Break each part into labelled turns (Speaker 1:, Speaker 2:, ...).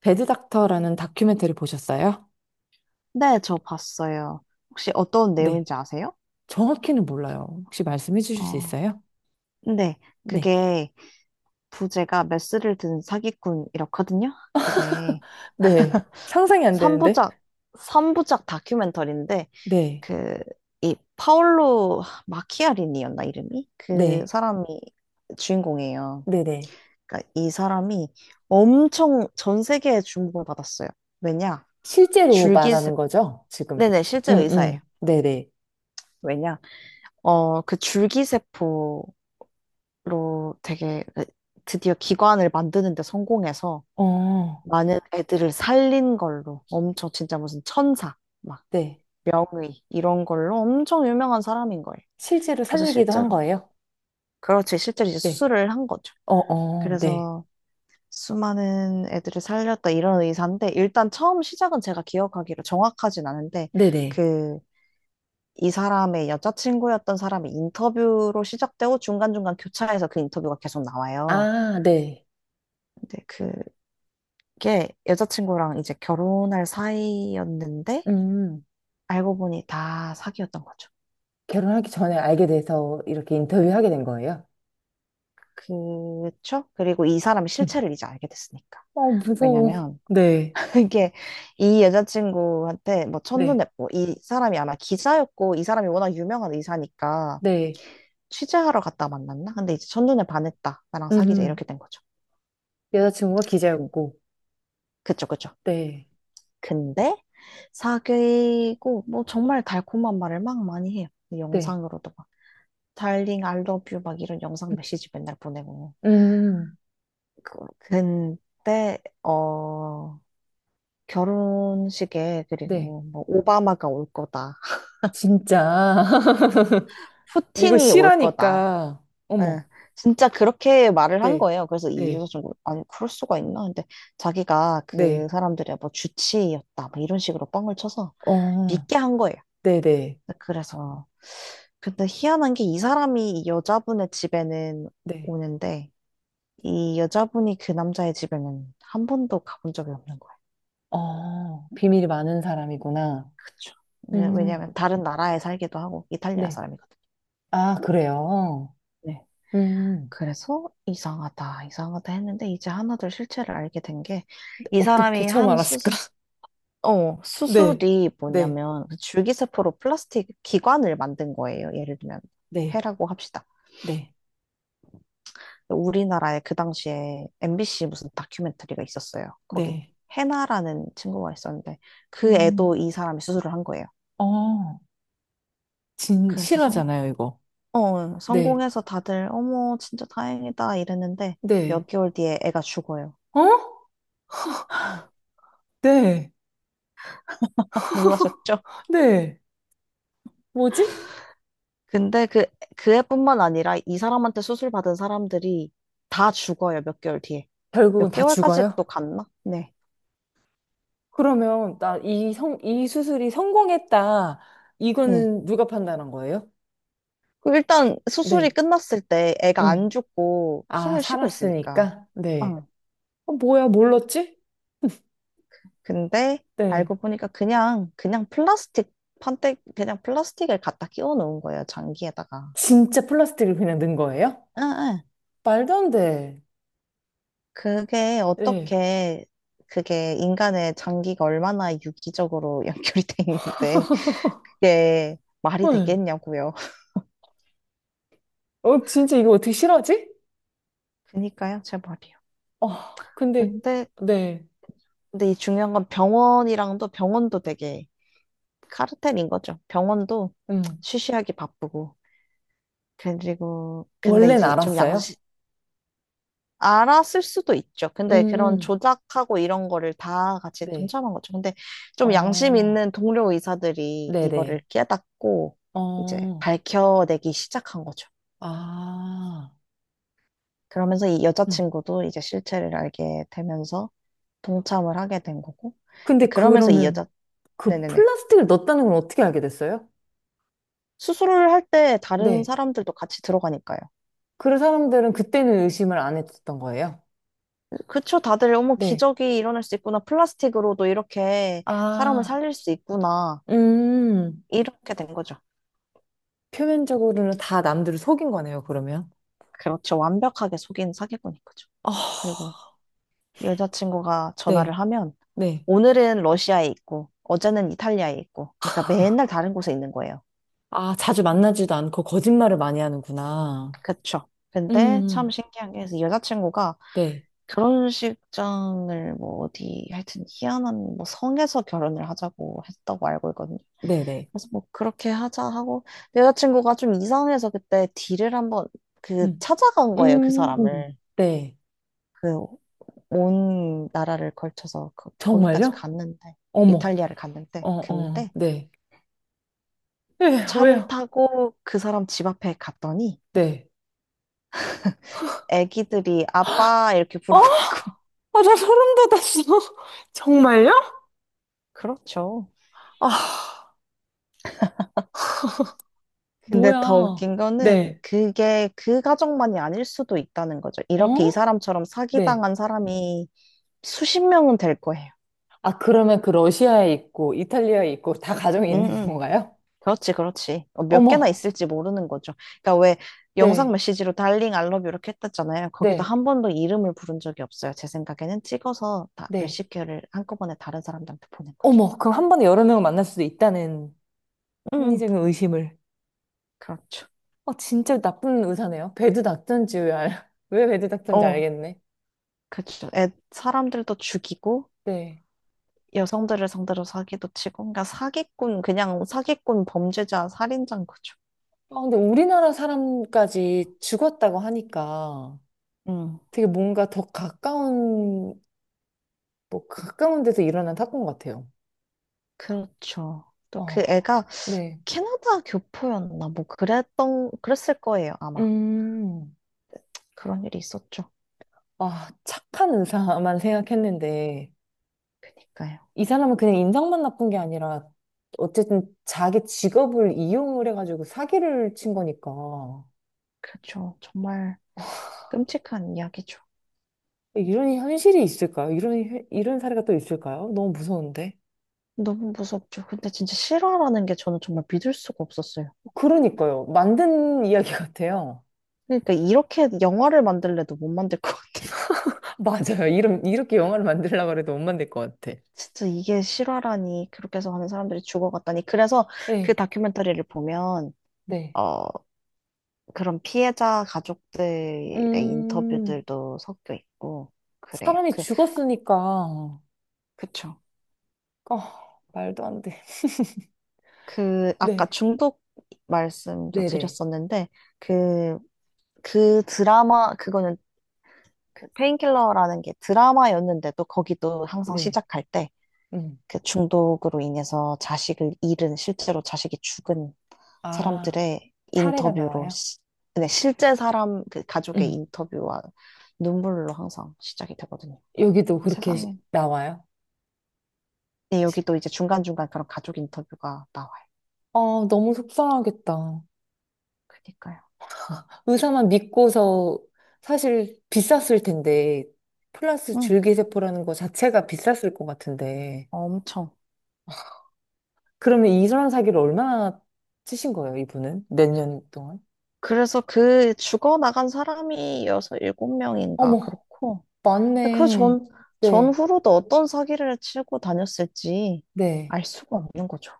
Speaker 1: 배드닥터라는 다큐멘터리 보셨어요?
Speaker 2: 네, 저 봤어요. 혹시 어떤
Speaker 1: 네.
Speaker 2: 내용인지 아세요?
Speaker 1: 정확히는 몰라요. 혹시 말씀해 주실 수
Speaker 2: 어,
Speaker 1: 있어요?
Speaker 2: 네,
Speaker 1: 네.
Speaker 2: 그게 부제가 메스를 든 사기꾼이었거든요. 그게
Speaker 1: 네. 상상이 안 되는데?
Speaker 2: 3부작, 삼부작 다큐멘터리인데,
Speaker 1: 네.
Speaker 2: 그, 이 파올로 마키아리니였나, 이름이? 그
Speaker 1: 네.
Speaker 2: 사람이 주인공이에요.
Speaker 1: 네네.
Speaker 2: 그러니까 이 사람이 엄청 전 세계에 주목을 받았어요. 왜냐?
Speaker 1: 실제로
Speaker 2: 줄기세,
Speaker 1: 말하는 거죠, 지금?
Speaker 2: 네네, 실제
Speaker 1: 음,
Speaker 2: 의사예요.
Speaker 1: 음. 네네.
Speaker 2: 왜냐? 그 줄기세포, 로 되게 드디어 기관을 만드는 데 성공해서
Speaker 1: 어,
Speaker 2: 많은 애들을 살린 걸로 엄청 진짜 무슨 천사 막
Speaker 1: 네.
Speaker 2: 명의 이런 걸로 엄청 유명한 사람인 거예요.
Speaker 1: 실제로
Speaker 2: 그래서
Speaker 1: 살리기도 한
Speaker 2: 실제로,
Speaker 1: 거예요?
Speaker 2: 그렇지, 실제로 이제
Speaker 1: 네.
Speaker 2: 수술을 한 거죠.
Speaker 1: 어, 어, 네.
Speaker 2: 그래서 수많은 애들을 살렸다 이런 의사인데, 일단 처음 시작은 제가 기억하기로 정확하진 않은데
Speaker 1: 네네.
Speaker 2: 그 이 사람의 여자친구였던 사람의 인터뷰로 시작되고, 중간중간 교차해서 그 인터뷰가 계속 나와요.
Speaker 1: 아, 네.
Speaker 2: 근데 그 게 여자친구랑 이제 결혼할 사이였는데
Speaker 1: 음.
Speaker 2: 알고 보니 다 사기였던 거죠.
Speaker 1: 결혼하기 전에 알게 돼서 이렇게 인터뷰하게 된 거예요?
Speaker 2: 그쵸? 그리고 이 사람 실체를 이제 알게 됐으니까.
Speaker 1: 어, 무서워.
Speaker 2: 왜냐면
Speaker 1: 네.
Speaker 2: 이게 이 여자친구한테 뭐
Speaker 1: 네.
Speaker 2: 첫눈에, 뭐 이 사람이 아마 기자였고 이 사람이 워낙 유명한 의사니까
Speaker 1: 네.
Speaker 2: 취재하러 갔다 만났나? 근데 이제 첫눈에 반했다, 나랑 사귀자 이렇게
Speaker 1: 음.
Speaker 2: 된 거죠.
Speaker 1: 여자친구가
Speaker 2: 근,
Speaker 1: 기자였고,
Speaker 2: 그쵸, 그쵸.
Speaker 1: 네,
Speaker 2: 근데 사귀고 뭐 정말 달콤한 말을 막 많이 해요.
Speaker 1: 네,
Speaker 2: 영상으로도 막. 달링 I love you 막 이런 영상
Speaker 1: 음,
Speaker 2: 메시지 맨날 보내고,
Speaker 1: 음.
Speaker 2: 근데 결혼식에
Speaker 1: 네,
Speaker 2: 그리고 뭐 오바마가 올 거다,
Speaker 1: 진짜. 이거
Speaker 2: 푸틴이 올 거다,
Speaker 1: 실하니까,
Speaker 2: 예
Speaker 1: 어머,
Speaker 2: 진짜 그렇게 말을 한
Speaker 1: 네,
Speaker 2: 거예요. 그래서 이 이유가
Speaker 1: 네,
Speaker 2: 좀, 아니 그럴 수가 있나. 근데 자기가 그
Speaker 1: 네,
Speaker 2: 사람들의 뭐 주치의였다 뭐 이런 식으로 뻥을 쳐서
Speaker 1: 어,
Speaker 2: 믿게 한 거예요.
Speaker 1: 네, 네,
Speaker 2: 그래서, 근데 희한한 게 이 사람이 이 여자분의 집에는
Speaker 1: 네,
Speaker 2: 오는데 이 여자분이 그 남자의 집에는 한 번도 가본 적이 없는 거예요.
Speaker 1: 어, 비밀이 많은 사람이구나.
Speaker 2: 그쵸.
Speaker 1: 음,
Speaker 2: 네,
Speaker 1: 음.
Speaker 2: 왜냐면 다른 나라에 살기도 하고 이탈리아
Speaker 1: 네,
Speaker 2: 사람이거든요.
Speaker 1: 아, 그래요.
Speaker 2: 네.
Speaker 1: 음, 음.
Speaker 2: 그래서 이상하다, 이상하다 했는데 이제 하나둘 실체를 알게 된 게 이
Speaker 1: 어떻게
Speaker 2: 사람이
Speaker 1: 처음
Speaker 2: 한
Speaker 1: 알았을까?
Speaker 2: 수술, 어,
Speaker 1: 네,
Speaker 2: 수술이
Speaker 1: 네,
Speaker 2: 뭐냐면 그 줄기세포로 플라스틱 기관을 만든 거예요. 예를 들면
Speaker 1: 네,
Speaker 2: 폐라고 합시다.
Speaker 1: 네,
Speaker 2: 우리나라에 그 당시에 MBC 무슨 다큐멘터리가 있었어요. 거기
Speaker 1: 네,
Speaker 2: 해나라는 친구가 있었는데 그
Speaker 1: 음,
Speaker 2: 애도 이 사람이 수술을 한 거예요.
Speaker 1: 어, 진,
Speaker 2: 그래서
Speaker 1: 실하잖아요, 이거. 네,
Speaker 2: 성공해서 다들 어머 진짜 다행이다 이랬는데
Speaker 1: 네,
Speaker 2: 몇 개월 뒤에 애가 죽어요.
Speaker 1: 어? 네.
Speaker 2: 놀라셨죠?
Speaker 1: 네. 뭐지?
Speaker 2: 근데 그, 애뿐만 아니라 이 사람한테 수술 받은 사람들이 다 죽어요, 몇 개월 뒤에.
Speaker 1: 결국은
Speaker 2: 몇
Speaker 1: 다
Speaker 2: 개월까지
Speaker 1: 죽어요?
Speaker 2: 또 갔나? 네.
Speaker 1: 그러면 나 이 성, 이 수술이 성공했다.
Speaker 2: 네.
Speaker 1: 이거는 누가 판단한 거예요?
Speaker 2: 그 일단 수술이
Speaker 1: 네.
Speaker 2: 끝났을 때 애가 안
Speaker 1: 음.
Speaker 2: 죽고
Speaker 1: 아,
Speaker 2: 숨을 쉬고 있으니까.
Speaker 1: 살았으니까? 네.
Speaker 2: 어.
Speaker 1: 어, 뭐야, 몰랐지?
Speaker 2: 근데
Speaker 1: 네.
Speaker 2: 알고 보니까 그냥, 그냥 플라스틱 판때, 그냥 플라스틱을 갖다 끼워 놓은 거예요, 장기에다가.
Speaker 1: 진짜 플라스틱을 그냥 넣은 거예요?
Speaker 2: 응, 응.
Speaker 1: 말도 안 돼.
Speaker 2: 그게
Speaker 1: 네.
Speaker 2: 어떻게, 그게 인간의 장기가 얼마나 유기적으로 연결이 돼 있는데, 이게 말이
Speaker 1: 헐.
Speaker 2: 되겠냐고요.
Speaker 1: 어, 진짜 이거 어떻게 싫어하지?
Speaker 2: 그니까요, 제 말이요.
Speaker 1: 어, 근데,
Speaker 2: 근데,
Speaker 1: 네.
Speaker 2: 근데 이 중요한 건 병원이랑도 병원도 되게 카르텔인 거죠. 병원도
Speaker 1: 음.
Speaker 2: 쉬쉬하기 바쁘고. 그리고, 근데
Speaker 1: 원래는
Speaker 2: 이제 좀,
Speaker 1: 알았어요?
Speaker 2: 알았을 수도 있죠. 근데 그런
Speaker 1: 음.
Speaker 2: 조작하고 이런 거를 다 같이
Speaker 1: 네.
Speaker 2: 동참한 거죠. 근데 좀 양심
Speaker 1: 어,
Speaker 2: 있는 동료 의사들이
Speaker 1: 네네.
Speaker 2: 이거를 깨닫고 이제
Speaker 1: 어,
Speaker 2: 밝혀내기 시작한 거죠.
Speaker 1: 아.
Speaker 2: 그러면서 이
Speaker 1: 음.
Speaker 2: 여자친구도 이제 실체를 알게 되면서 동참을 하게 된 거고. 근데
Speaker 1: 근데
Speaker 2: 그러면서 이
Speaker 1: 그러면
Speaker 2: 여자,
Speaker 1: 그
Speaker 2: 네네네.
Speaker 1: 플라스틱을 넣었다는 걸 어떻게 알게 됐어요?
Speaker 2: 수술을 할 때 다른
Speaker 1: 네.
Speaker 2: 사람들도 같이 들어가니까요.
Speaker 1: 그래서 사람들은 그때는 의심을 안 했었던 거예요.
Speaker 2: 그쵸, 다들 어머
Speaker 1: 네.
Speaker 2: 기적이 일어날 수 있구나, 플라스틱으로도 이렇게 사람을
Speaker 1: 아,
Speaker 2: 살릴 수 있구나,
Speaker 1: 음.
Speaker 2: 이렇게 된 거죠.
Speaker 1: 표면적으로는 다 남들을 속인 거네요, 그러면.
Speaker 2: 그렇죠, 완벽하게 속인 사기꾼인 거죠.
Speaker 1: 아,
Speaker 2: 그리고 여자친구가 전화를
Speaker 1: 네,
Speaker 2: 하면
Speaker 1: 네.
Speaker 2: 오늘은 러시아에 있고 어제는 이탈리아에 있고, 그러니까 맨날 다른 곳에 있는 거예요.
Speaker 1: 아, 자주 만나지도 않고 거짓말을 많이 하는구나.
Speaker 2: 그렇죠. 근데
Speaker 1: 음,
Speaker 2: 참 신기한 게, 그래서 여자친구가
Speaker 1: 네,
Speaker 2: 결혼식장을 뭐 어디 하여튼 희한한 뭐 성에서 결혼을 하자고 했다고 알고 있거든요.
Speaker 1: 네, 네.
Speaker 2: 그래서 뭐 그렇게 하자 하고, 근데 여자친구가 좀 이상해서 그때 딜을 한번 그
Speaker 1: 음,
Speaker 2: 찾아간 거예요, 그
Speaker 1: 음,
Speaker 2: 사람을.
Speaker 1: 네.
Speaker 2: 그 온 나라를 걸쳐서 거기까지
Speaker 1: 정말요?
Speaker 2: 갔는데,
Speaker 1: 어머,
Speaker 2: 이탈리아를 갔는데,
Speaker 1: 어, 어,
Speaker 2: 근데
Speaker 1: 네. 예,
Speaker 2: 차를
Speaker 1: 왜요?
Speaker 2: 타고 그 사람 집 앞에 갔더니
Speaker 1: 네.
Speaker 2: 애기들이 아빠 이렇게
Speaker 1: 어?
Speaker 2: 부르고 있고.
Speaker 1: 아, 나 소름 돋았어. 정말요?
Speaker 2: 그렇죠.
Speaker 1: 아,
Speaker 2: 근데 더
Speaker 1: 뭐야.
Speaker 2: 웃긴 거는
Speaker 1: 네.
Speaker 2: 그게 그 가정만이 아닐 수도 있다는 거죠. 이렇게 이
Speaker 1: 어?
Speaker 2: 사람처럼
Speaker 1: 네.
Speaker 2: 사기당한 사람이 수십 명은 될 거예요.
Speaker 1: 아, 그러면 그 러시아에 있고, 이탈리아에 있고, 다 가정이 있는
Speaker 2: 응응.
Speaker 1: 건가요?
Speaker 2: 그렇지, 그렇지. 어, 몇 개나
Speaker 1: 어머,
Speaker 2: 있을지 모르는 거죠. 그러니까 왜 영상
Speaker 1: 네,
Speaker 2: 메시지로 달링 알러뷰 이렇게 했댔잖아요. 거기도
Speaker 1: 네,
Speaker 2: 한 번도 이름을 부른 적이 없어요. 제 생각에는 찍어서 다
Speaker 1: 네.
Speaker 2: 몇십 개를 한꺼번에 다른 사람들한테 보낸 거죠.
Speaker 1: 어머, 그럼 한 번에 여러 명을 만날 수도 있다는
Speaker 2: 음,
Speaker 1: 합리적인 의심을.
Speaker 2: 그렇죠.
Speaker 1: 어, 진짜 나쁜 의사네요. 배드 닥터인지 왜, 알... 왜 배드 닥터인지
Speaker 2: 어,
Speaker 1: 알겠네.
Speaker 2: 그렇죠. 사람들도 죽이고
Speaker 1: 네.
Speaker 2: 여성들을 상대로 사기도 치고, 그러니까 사기꾼, 그냥 사기꾼, 범죄자, 살인자인 거죠.
Speaker 1: 아, 근데 우리나라 사람까지 죽었다고 하니까
Speaker 2: 음,
Speaker 1: 되게 뭔가 더 가까운 뭐 가까운 데서 일어난 사건 같아요.
Speaker 2: 그렇죠. 또 그
Speaker 1: 어,
Speaker 2: 애가
Speaker 1: 네.
Speaker 2: 캐나다 교포였나, 뭐 그랬던, 그랬을 거예요, 아마.
Speaker 1: 음,
Speaker 2: 그런 일이 있었죠.
Speaker 1: 아, 착한 의사만 생각했는데,
Speaker 2: 그니까요.
Speaker 1: 이 사람은 그냥 인상만 나쁜 게 아니라, 어쨌든 자기 직업을 이용을 해가지고 사기를 친 거니까.
Speaker 2: 그렇죠, 정말 끔찍한 이야기죠.
Speaker 1: 이런 현실이 있을까요? 이런, 현- 이런 사례가 또 있을까요? 너무 무서운데.
Speaker 2: 너무 무섭죠. 근데 진짜 실화라는 게 저는 정말 믿을 수가 없었어요.
Speaker 1: 그러니까요. 만든 이야기 같아요.
Speaker 2: 그러니까 이렇게 영화를 만들래도 못 만들 것 같아요.
Speaker 1: 맞아요. 이런, 이렇게 영화를 만들려고 해도 못 만들 것 같아.
Speaker 2: 진짜 이게 실화라니, 그렇게 해서 하는 사람들이 죽어갔다니. 그래서 그
Speaker 1: 네,
Speaker 2: 다큐멘터리를 보면
Speaker 1: 네.
Speaker 2: 어 그런 피해자 가족들의
Speaker 1: 음.
Speaker 2: 인터뷰들도 섞여 있고 그래요.
Speaker 1: 사람이
Speaker 2: 그
Speaker 1: 죽었으니까.
Speaker 2: 그쵸.
Speaker 1: 아, 말도 안 돼.
Speaker 2: 그 아까
Speaker 1: 네,
Speaker 2: 중독 말씀도
Speaker 1: 네네.
Speaker 2: 드렸었는데, 그 그 드라마 그거는, 그 페인킬러라는 게 드라마였는데도 거기도 항상
Speaker 1: 네.
Speaker 2: 시작할 때
Speaker 1: 음.
Speaker 2: 그 중독으로 인해서 자식을 잃은, 실제로 자식이 죽은
Speaker 1: 아,
Speaker 2: 사람들의
Speaker 1: 사례가
Speaker 2: 인터뷰로
Speaker 1: 나와요?
Speaker 2: 시- 네, 실제 사람 그 가족의
Speaker 1: 음.
Speaker 2: 인터뷰와 눈물로 항상 시작이 되거든요.
Speaker 1: 여기도
Speaker 2: 그
Speaker 1: 그렇게 시-
Speaker 2: 세상에,
Speaker 1: 나와요?
Speaker 2: 네, 여기도 이제 중간중간 그런 가족 인터뷰가 나와요.
Speaker 1: 아, 너무 속상하겠다.
Speaker 2: 그니까요.
Speaker 1: 의사만 믿고서 사실 비쌌을 텐데, 플러스
Speaker 2: 응,
Speaker 1: 줄기세포라는 거 자체가 비쌌을 것 같은데.
Speaker 2: 엄청.
Speaker 1: 그러면 이런 사기를 얼마나 치신 거예요, 이분은? 몇 년 동안?
Speaker 2: 그래서 그 죽어나간 사람이 여섯 일곱 명인가
Speaker 1: 어머,
Speaker 2: 그렇고, 근데
Speaker 1: 맞네. 네,
Speaker 2: 전후로도 어떤 사기를 치고 다녔을지
Speaker 1: 네.
Speaker 2: 알 수가 없는 거죠.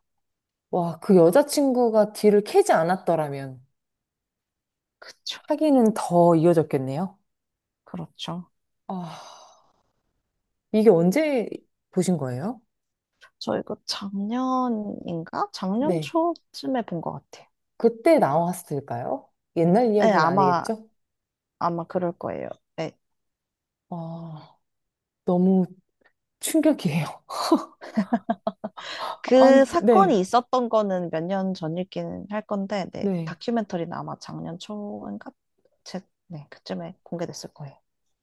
Speaker 1: 와, 그 여자친구가 뒤를 캐지 않았더라면
Speaker 2: 그쵸.
Speaker 1: 사귀는 더 이어졌겠네요.
Speaker 2: 그렇죠.
Speaker 1: 아, 이게 언제 보신 거예요?
Speaker 2: 저 이거 작년인가? 작년
Speaker 1: 네.
Speaker 2: 초쯤에 본 것 같아요.
Speaker 1: 그때 나왔을까요? 옛날
Speaker 2: 네,
Speaker 1: 이야기는
Speaker 2: 아마,
Speaker 1: 아니겠죠?
Speaker 2: 아마 그럴 거예요. 네.
Speaker 1: 아, 너무 충격이에요.
Speaker 2: 그
Speaker 1: 아니,
Speaker 2: 사건이
Speaker 1: 네,
Speaker 2: 있었던 거는 몇 년 전이긴 할 건데, 네.
Speaker 1: 네.
Speaker 2: 다큐멘터리는 아마 작년 초인가? 제, 네, 그쯤에 공개됐을 거예요.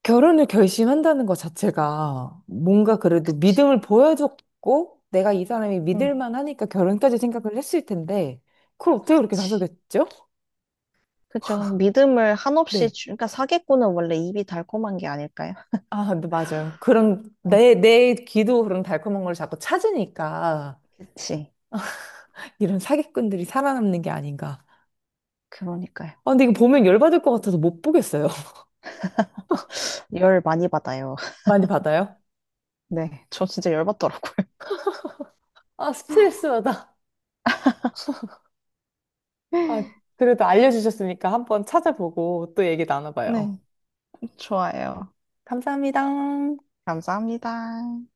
Speaker 1: 결혼을 결심한다는 것 자체가 뭔가 그래도
Speaker 2: 그치.
Speaker 1: 믿음을 보여줬고 내가 이 사람이 믿을
Speaker 2: 응,
Speaker 1: 만하니까 결혼까지 생각을 했을 텐데 그걸 어떻게 그렇게
Speaker 2: 그치.
Speaker 1: 다속였죠?
Speaker 2: 그죠. 믿음을 한없이
Speaker 1: 네.
Speaker 2: 주, 그러니까 사기꾼은 원래 입이 달콤한 게 아닐까요?
Speaker 1: 아, 근데 맞아요. 그런
Speaker 2: 어.
Speaker 1: 내 귀도 그런 달콤한 걸 자꾸 찾으니까
Speaker 2: 그치.
Speaker 1: 이런 사기꾼들이 살아남는 게 아닌가.
Speaker 2: 그러니까요.
Speaker 1: 아, 근데 이거 보면 열받을 것 같아서 못 보겠어요.
Speaker 2: 열 많이 받아요.
Speaker 1: 많이 받아요?
Speaker 2: 네, 저 진짜 열 받더라고요.
Speaker 1: 아, 스트레스 받아. 아, 그래도 알려주셨으니까 한번 찾아보고 또 얘기 나눠봐요.
Speaker 2: 네, 좋아요.
Speaker 1: 감사합니다.
Speaker 2: 감사합니다.